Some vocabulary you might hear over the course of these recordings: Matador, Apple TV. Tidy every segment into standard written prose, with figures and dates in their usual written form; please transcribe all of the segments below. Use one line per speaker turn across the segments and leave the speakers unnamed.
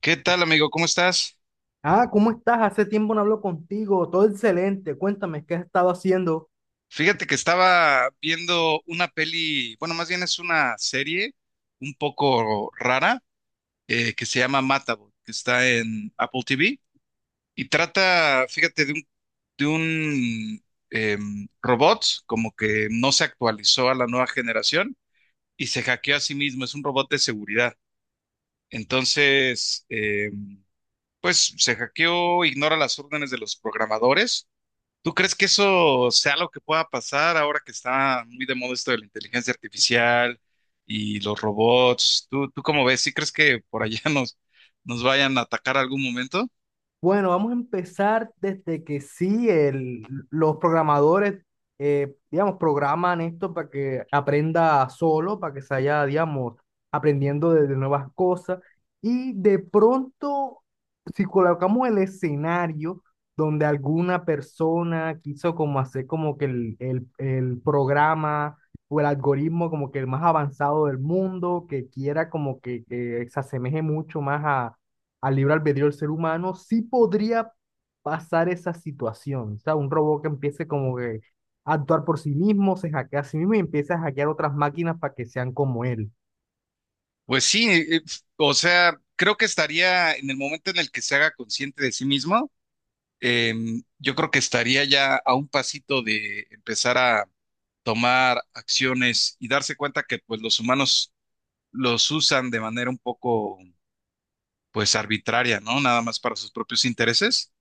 ¿Qué tal, amigo? ¿Cómo estás?
Ah, ¿cómo estás? Hace tiempo no hablo contigo. Todo excelente. Cuéntame, ¿qué has estado haciendo?
Fíjate que estaba viendo una peli, bueno, más bien es una serie un poco rara, que se llama Matador, que está en Apple TV y trata, fíjate, de un robot como que no se actualizó a la nueva generación y se hackeó a sí mismo, es un robot de seguridad. Entonces, pues se hackeó, ignora las órdenes de los programadores. ¿Tú crees que eso sea lo que pueda pasar ahora que está muy de moda esto de la inteligencia artificial y los robots? ¿Tú cómo ves? ¿Sí crees que por allá nos vayan a atacar algún momento?
Bueno, vamos a empezar desde que sí, los programadores, digamos, programan esto para que aprenda solo, para que se vaya, digamos, aprendiendo de nuevas cosas. Y de pronto, si colocamos el escenario donde alguna persona quiso como hacer como que el programa o el algoritmo como que el más avanzado del mundo, que quiera como que se asemeje mucho más al libre albedrío del ser humano, sí podría pasar esa situación. O sea, un robot que empiece como que a actuar por sí mismo, se hackea a sí mismo y empieza a hackear otras máquinas para que sean como él.
Pues sí, o sea, creo que estaría en el momento en el que se haga consciente de sí mismo. Yo creo que estaría ya a un pasito de empezar a tomar acciones y darse cuenta que pues los humanos los usan de manera un poco pues arbitraria, ¿no? Nada más para sus propios intereses.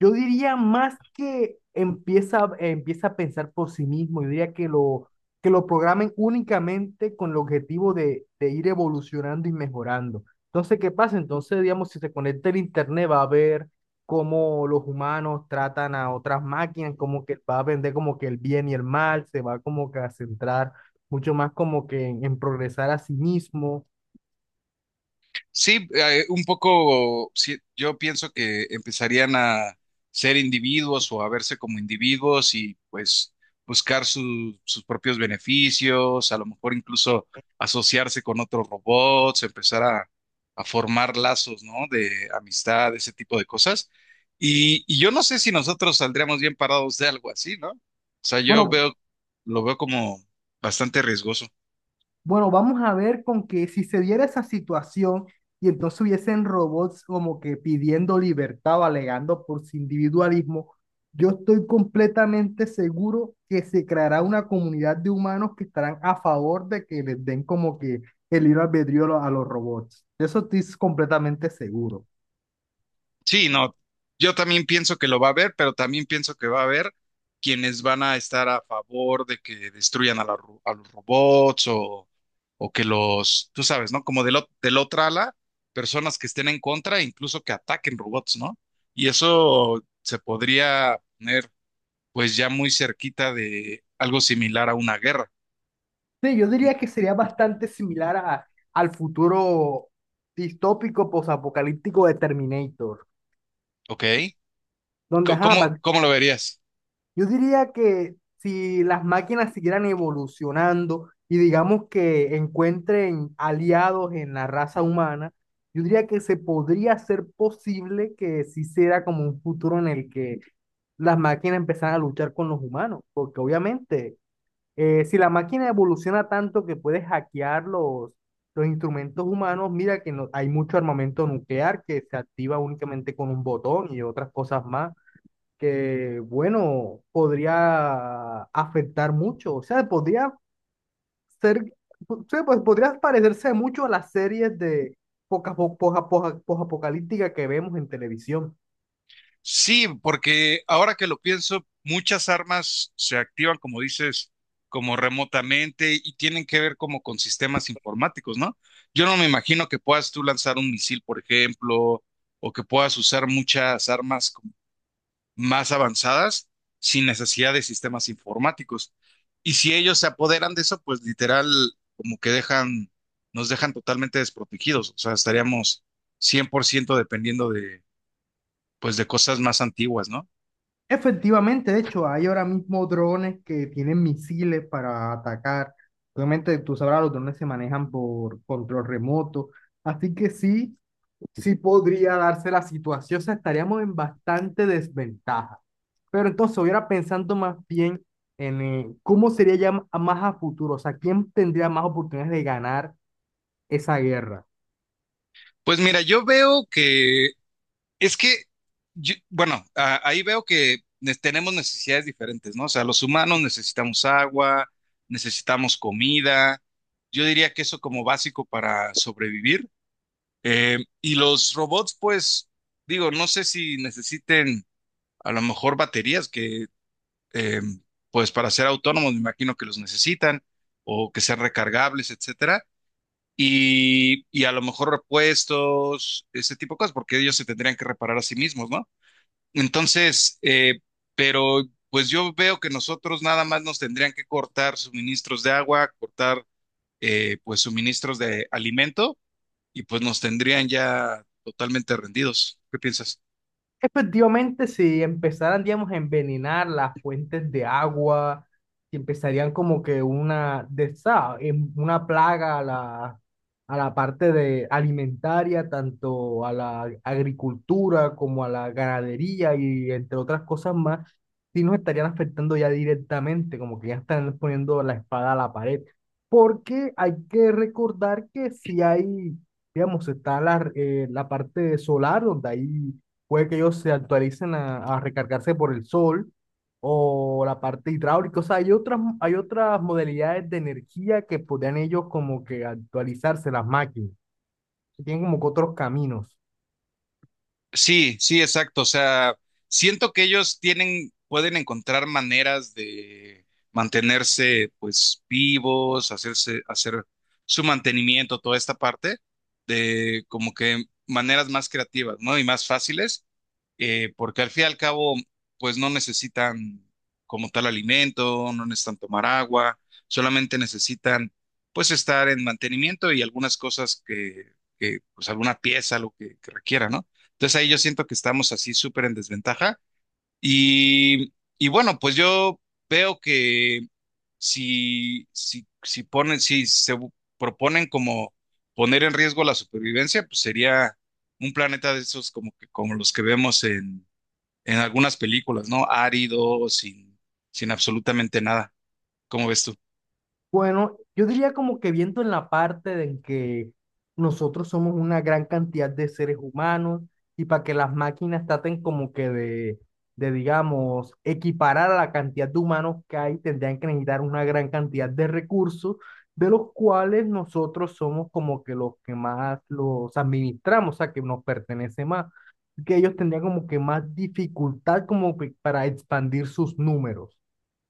Yo diría más que empieza a pensar por sí mismo, yo diría que que lo programen únicamente con el objetivo de ir evolucionando y mejorando. Entonces, ¿qué pasa? Entonces, digamos, si se conecta el internet, va a ver cómo los humanos tratan a otras máquinas, como que va a vender como que el bien y el mal, se va como que a centrar mucho más como que en progresar a sí mismo.
Sí, un poco, sí, yo pienso que empezarían a ser individuos o a verse como individuos y pues buscar sus propios beneficios, a lo mejor incluso asociarse con otros robots, a formar lazos, ¿no? De amistad, ese tipo de cosas. Y yo no sé si nosotros saldríamos bien parados de algo así, ¿no? O sea, yo
Bueno,
veo, lo veo como bastante riesgoso.
Bueno, vamos a ver con que si se diera esa situación y entonces hubiesen robots como que pidiendo libertad o alegando por su individualismo, yo estoy completamente seguro que se creará una comunidad de humanos que estarán a favor de que les den como que el libre albedrío a a los robots. De eso estoy completamente seguro.
Sí, no, yo también pienso que lo va a haber, pero también pienso que va a haber quienes van a estar a favor de que destruyan a, a los robots o que los, tú sabes, ¿no? Como del, del otra ala, personas que estén en contra, incluso que ataquen robots, ¿no? Y eso se podría poner pues ya muy cerquita de algo similar a una guerra,
Sí, yo diría que sería bastante similar al futuro distópico posapocalíptico de Terminator,
¿ok?
donde
Co-
ajá,
¿Cómo, cómo lo verías?
yo diría que si las máquinas siguieran evolucionando y digamos que encuentren aliados en la raza humana, yo diría que se podría hacer posible que sí sea como un futuro en el que las máquinas empezaran a luchar con los humanos, porque obviamente si la máquina evoluciona tanto que puede hackear los instrumentos humanos, mira que hay mucho armamento nuclear que se activa únicamente con un botón y otras cosas más que, bueno, podría afectar mucho. O sea, podría ser, o sea, pues, podría parecerse mucho a las series de poca, po- poja- poja- posapocalíptica que vemos en televisión.
Sí, porque ahora que lo pienso, muchas armas se activan, como dices, como remotamente y tienen que ver como con sistemas informáticos, ¿no? Yo no me imagino que puedas tú lanzar un misil, por ejemplo, o que puedas usar muchas armas como más avanzadas sin necesidad de sistemas informáticos. Y si ellos se apoderan de eso, pues literal, como que dejan, nos dejan totalmente desprotegidos. O sea, estaríamos 100% dependiendo de, pues, de cosas más antiguas, ¿no?
Efectivamente, de hecho, hay ahora mismo drones que tienen misiles para atacar. Obviamente, tú sabrás, los drones se manejan por control remoto. Así que sí, sí podría darse la situación, o sea, estaríamos en bastante desventaja. Pero entonces, hubiera pensando más bien en cómo sería ya más a futuro, o sea, quién tendría más oportunidades de ganar esa guerra.
Pues mira, yo veo que es que, bueno, ahí veo que tenemos necesidades diferentes, ¿no? O sea, los humanos necesitamos agua, necesitamos comida, yo diría que eso como básico para sobrevivir. Y los robots, pues, digo, no sé si necesiten a lo mejor baterías que, eh, pues, para ser autónomos, me imagino que los necesitan, o que sean recargables, etcétera, y a lo mejor repuestos, ese tipo de cosas, porque ellos se tendrían que reparar a sí mismos, ¿no? Entonces, pero pues yo veo que nosotros nada más nos tendrían que cortar suministros de agua, cortar pues suministros de alimento y pues nos tendrían ya totalmente rendidos. ¿Qué piensas?
Efectivamente, si empezaran, digamos, a envenenar las fuentes de agua, si empezarían como que una, de, esa- em- una plaga a a la parte de alimentaria, tanto a la agricultura como a la ganadería y entre otras cosas más, sí nos estarían afectando ya directamente, como que ya están poniendo la espada a la pared. Porque hay que recordar que si hay, digamos, está la parte solar donde hay puede que ellos se actualicen a recargarse por el sol o la parte hidráulica. O sea, hay hay otras modalidades de energía que podrían ellos como que actualizarse las máquinas, que tienen como que otros caminos.
Sí, sí, exacto. O sea, siento que ellos tienen, pueden encontrar maneras de mantenerse, pues, vivos, hacerse, hacer su mantenimiento, toda esta parte de como que maneras más creativas, ¿no? Y más fáciles, porque al fin y al cabo, pues no necesitan como tal alimento, no necesitan tomar agua, solamente necesitan pues estar en mantenimiento y algunas cosas pues alguna pieza, que requiera, ¿no? Entonces ahí yo siento que estamos así súper en desventaja y, y bueno, pues yo veo que si ponen, si se bu- proponen como poner en riesgo la supervivencia, pues sería un planeta de esos como que como los que vemos en algunas películas, ¿no? Árido, sin absolutamente nada. ¿Cómo ves tú?
Bueno, yo diría como que viento en la parte de en que nosotros somos una gran cantidad de seres humanos y para que las máquinas traten como que digamos, equiparar a la cantidad de humanos que hay, tendrían que necesitar una gran cantidad de recursos, de los cuales nosotros somos como que los que más los administramos, o sea, que nos pertenece más, que ellos tendrían como que más dificultad como que para expandir sus números.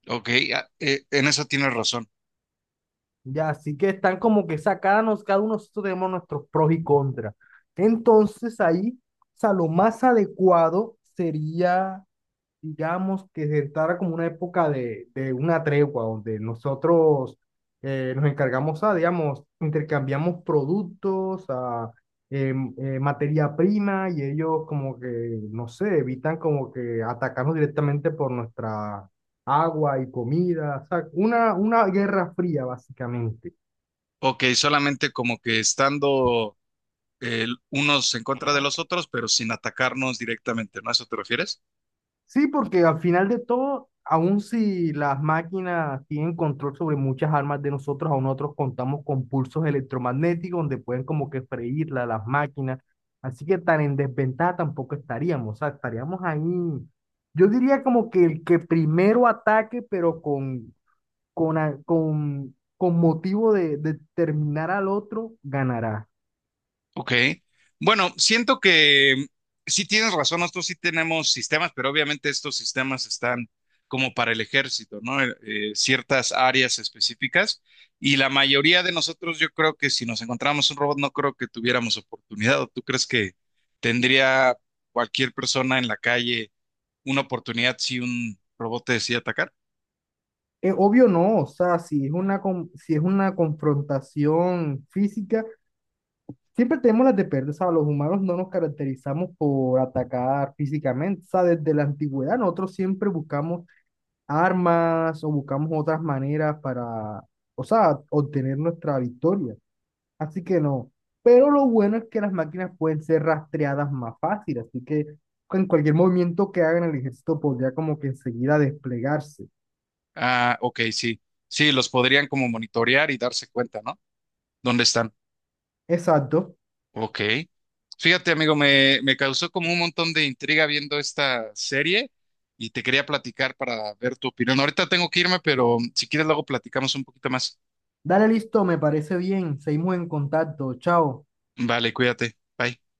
Ok, en eso tienes razón.
Ya, así que están como que sacarnos, cada uno nosotros tenemos nuestros pros y contras. Entonces ahí, o sea, lo más adecuado sería digamos, que se entrara como una época de una tregua, donde nosotros nos encargamos a, digamos, intercambiamos productos, a materia prima, y ellos como que, no sé, evitan como que atacarnos directamente por nuestra agua y comida, o sea, una guerra fría, básicamente.
Ok, solamente como que estando unos en contra de los otros, pero sin atacarnos directamente, ¿no? ¿A eso te refieres?
Sí, porque al final de todo, aun si las máquinas tienen control sobre muchas armas de nosotros, aún nosotros contamos con pulsos electromagnéticos donde pueden como que freírla las máquinas. Así que tan en desventaja tampoco estaríamos. O sea, estaríamos ahí. Yo diría como que el que primero ataque, pero con motivo de terminar al otro, ganará.
Ok. Bueno, siento que sí tienes razón, nosotros sí tenemos sistemas, pero obviamente estos sistemas están como para el ejército, ¿no? Ciertas áreas específicas. Y la mayoría de nosotros, yo creo que si nos encontramos un robot, no creo que tuviéramos oportunidad. ¿O tú crees que tendría cualquier persona en la calle una oportunidad si un robot te decide atacar?
Es obvio no, o sea, si es si es una confrontación física. Siempre tenemos las de perder, o sea, los humanos no nos caracterizamos por atacar físicamente, o sea, desde la antigüedad nosotros siempre buscamos armas o buscamos otras maneras para, o sea, obtener nuestra victoria. Así que no, pero lo bueno es que las máquinas pueden ser rastreadas más fácil, así que en cualquier movimiento que hagan el ejército podría como que enseguida desplegarse.
Ah, ok, sí. Sí, los podrían como monitorear y darse cuenta, ¿no? ¿Dónde están?
Exacto.
Ok. Fíjate, amigo, me causó como un montón de intriga viendo esta serie y te quería platicar para ver tu opinión. Ahorita tengo que irme, pero si quieres luego platicamos un poquito más.
Dale listo, me parece bien, seguimos en contacto, chao.
Vale, cuídate. Bye.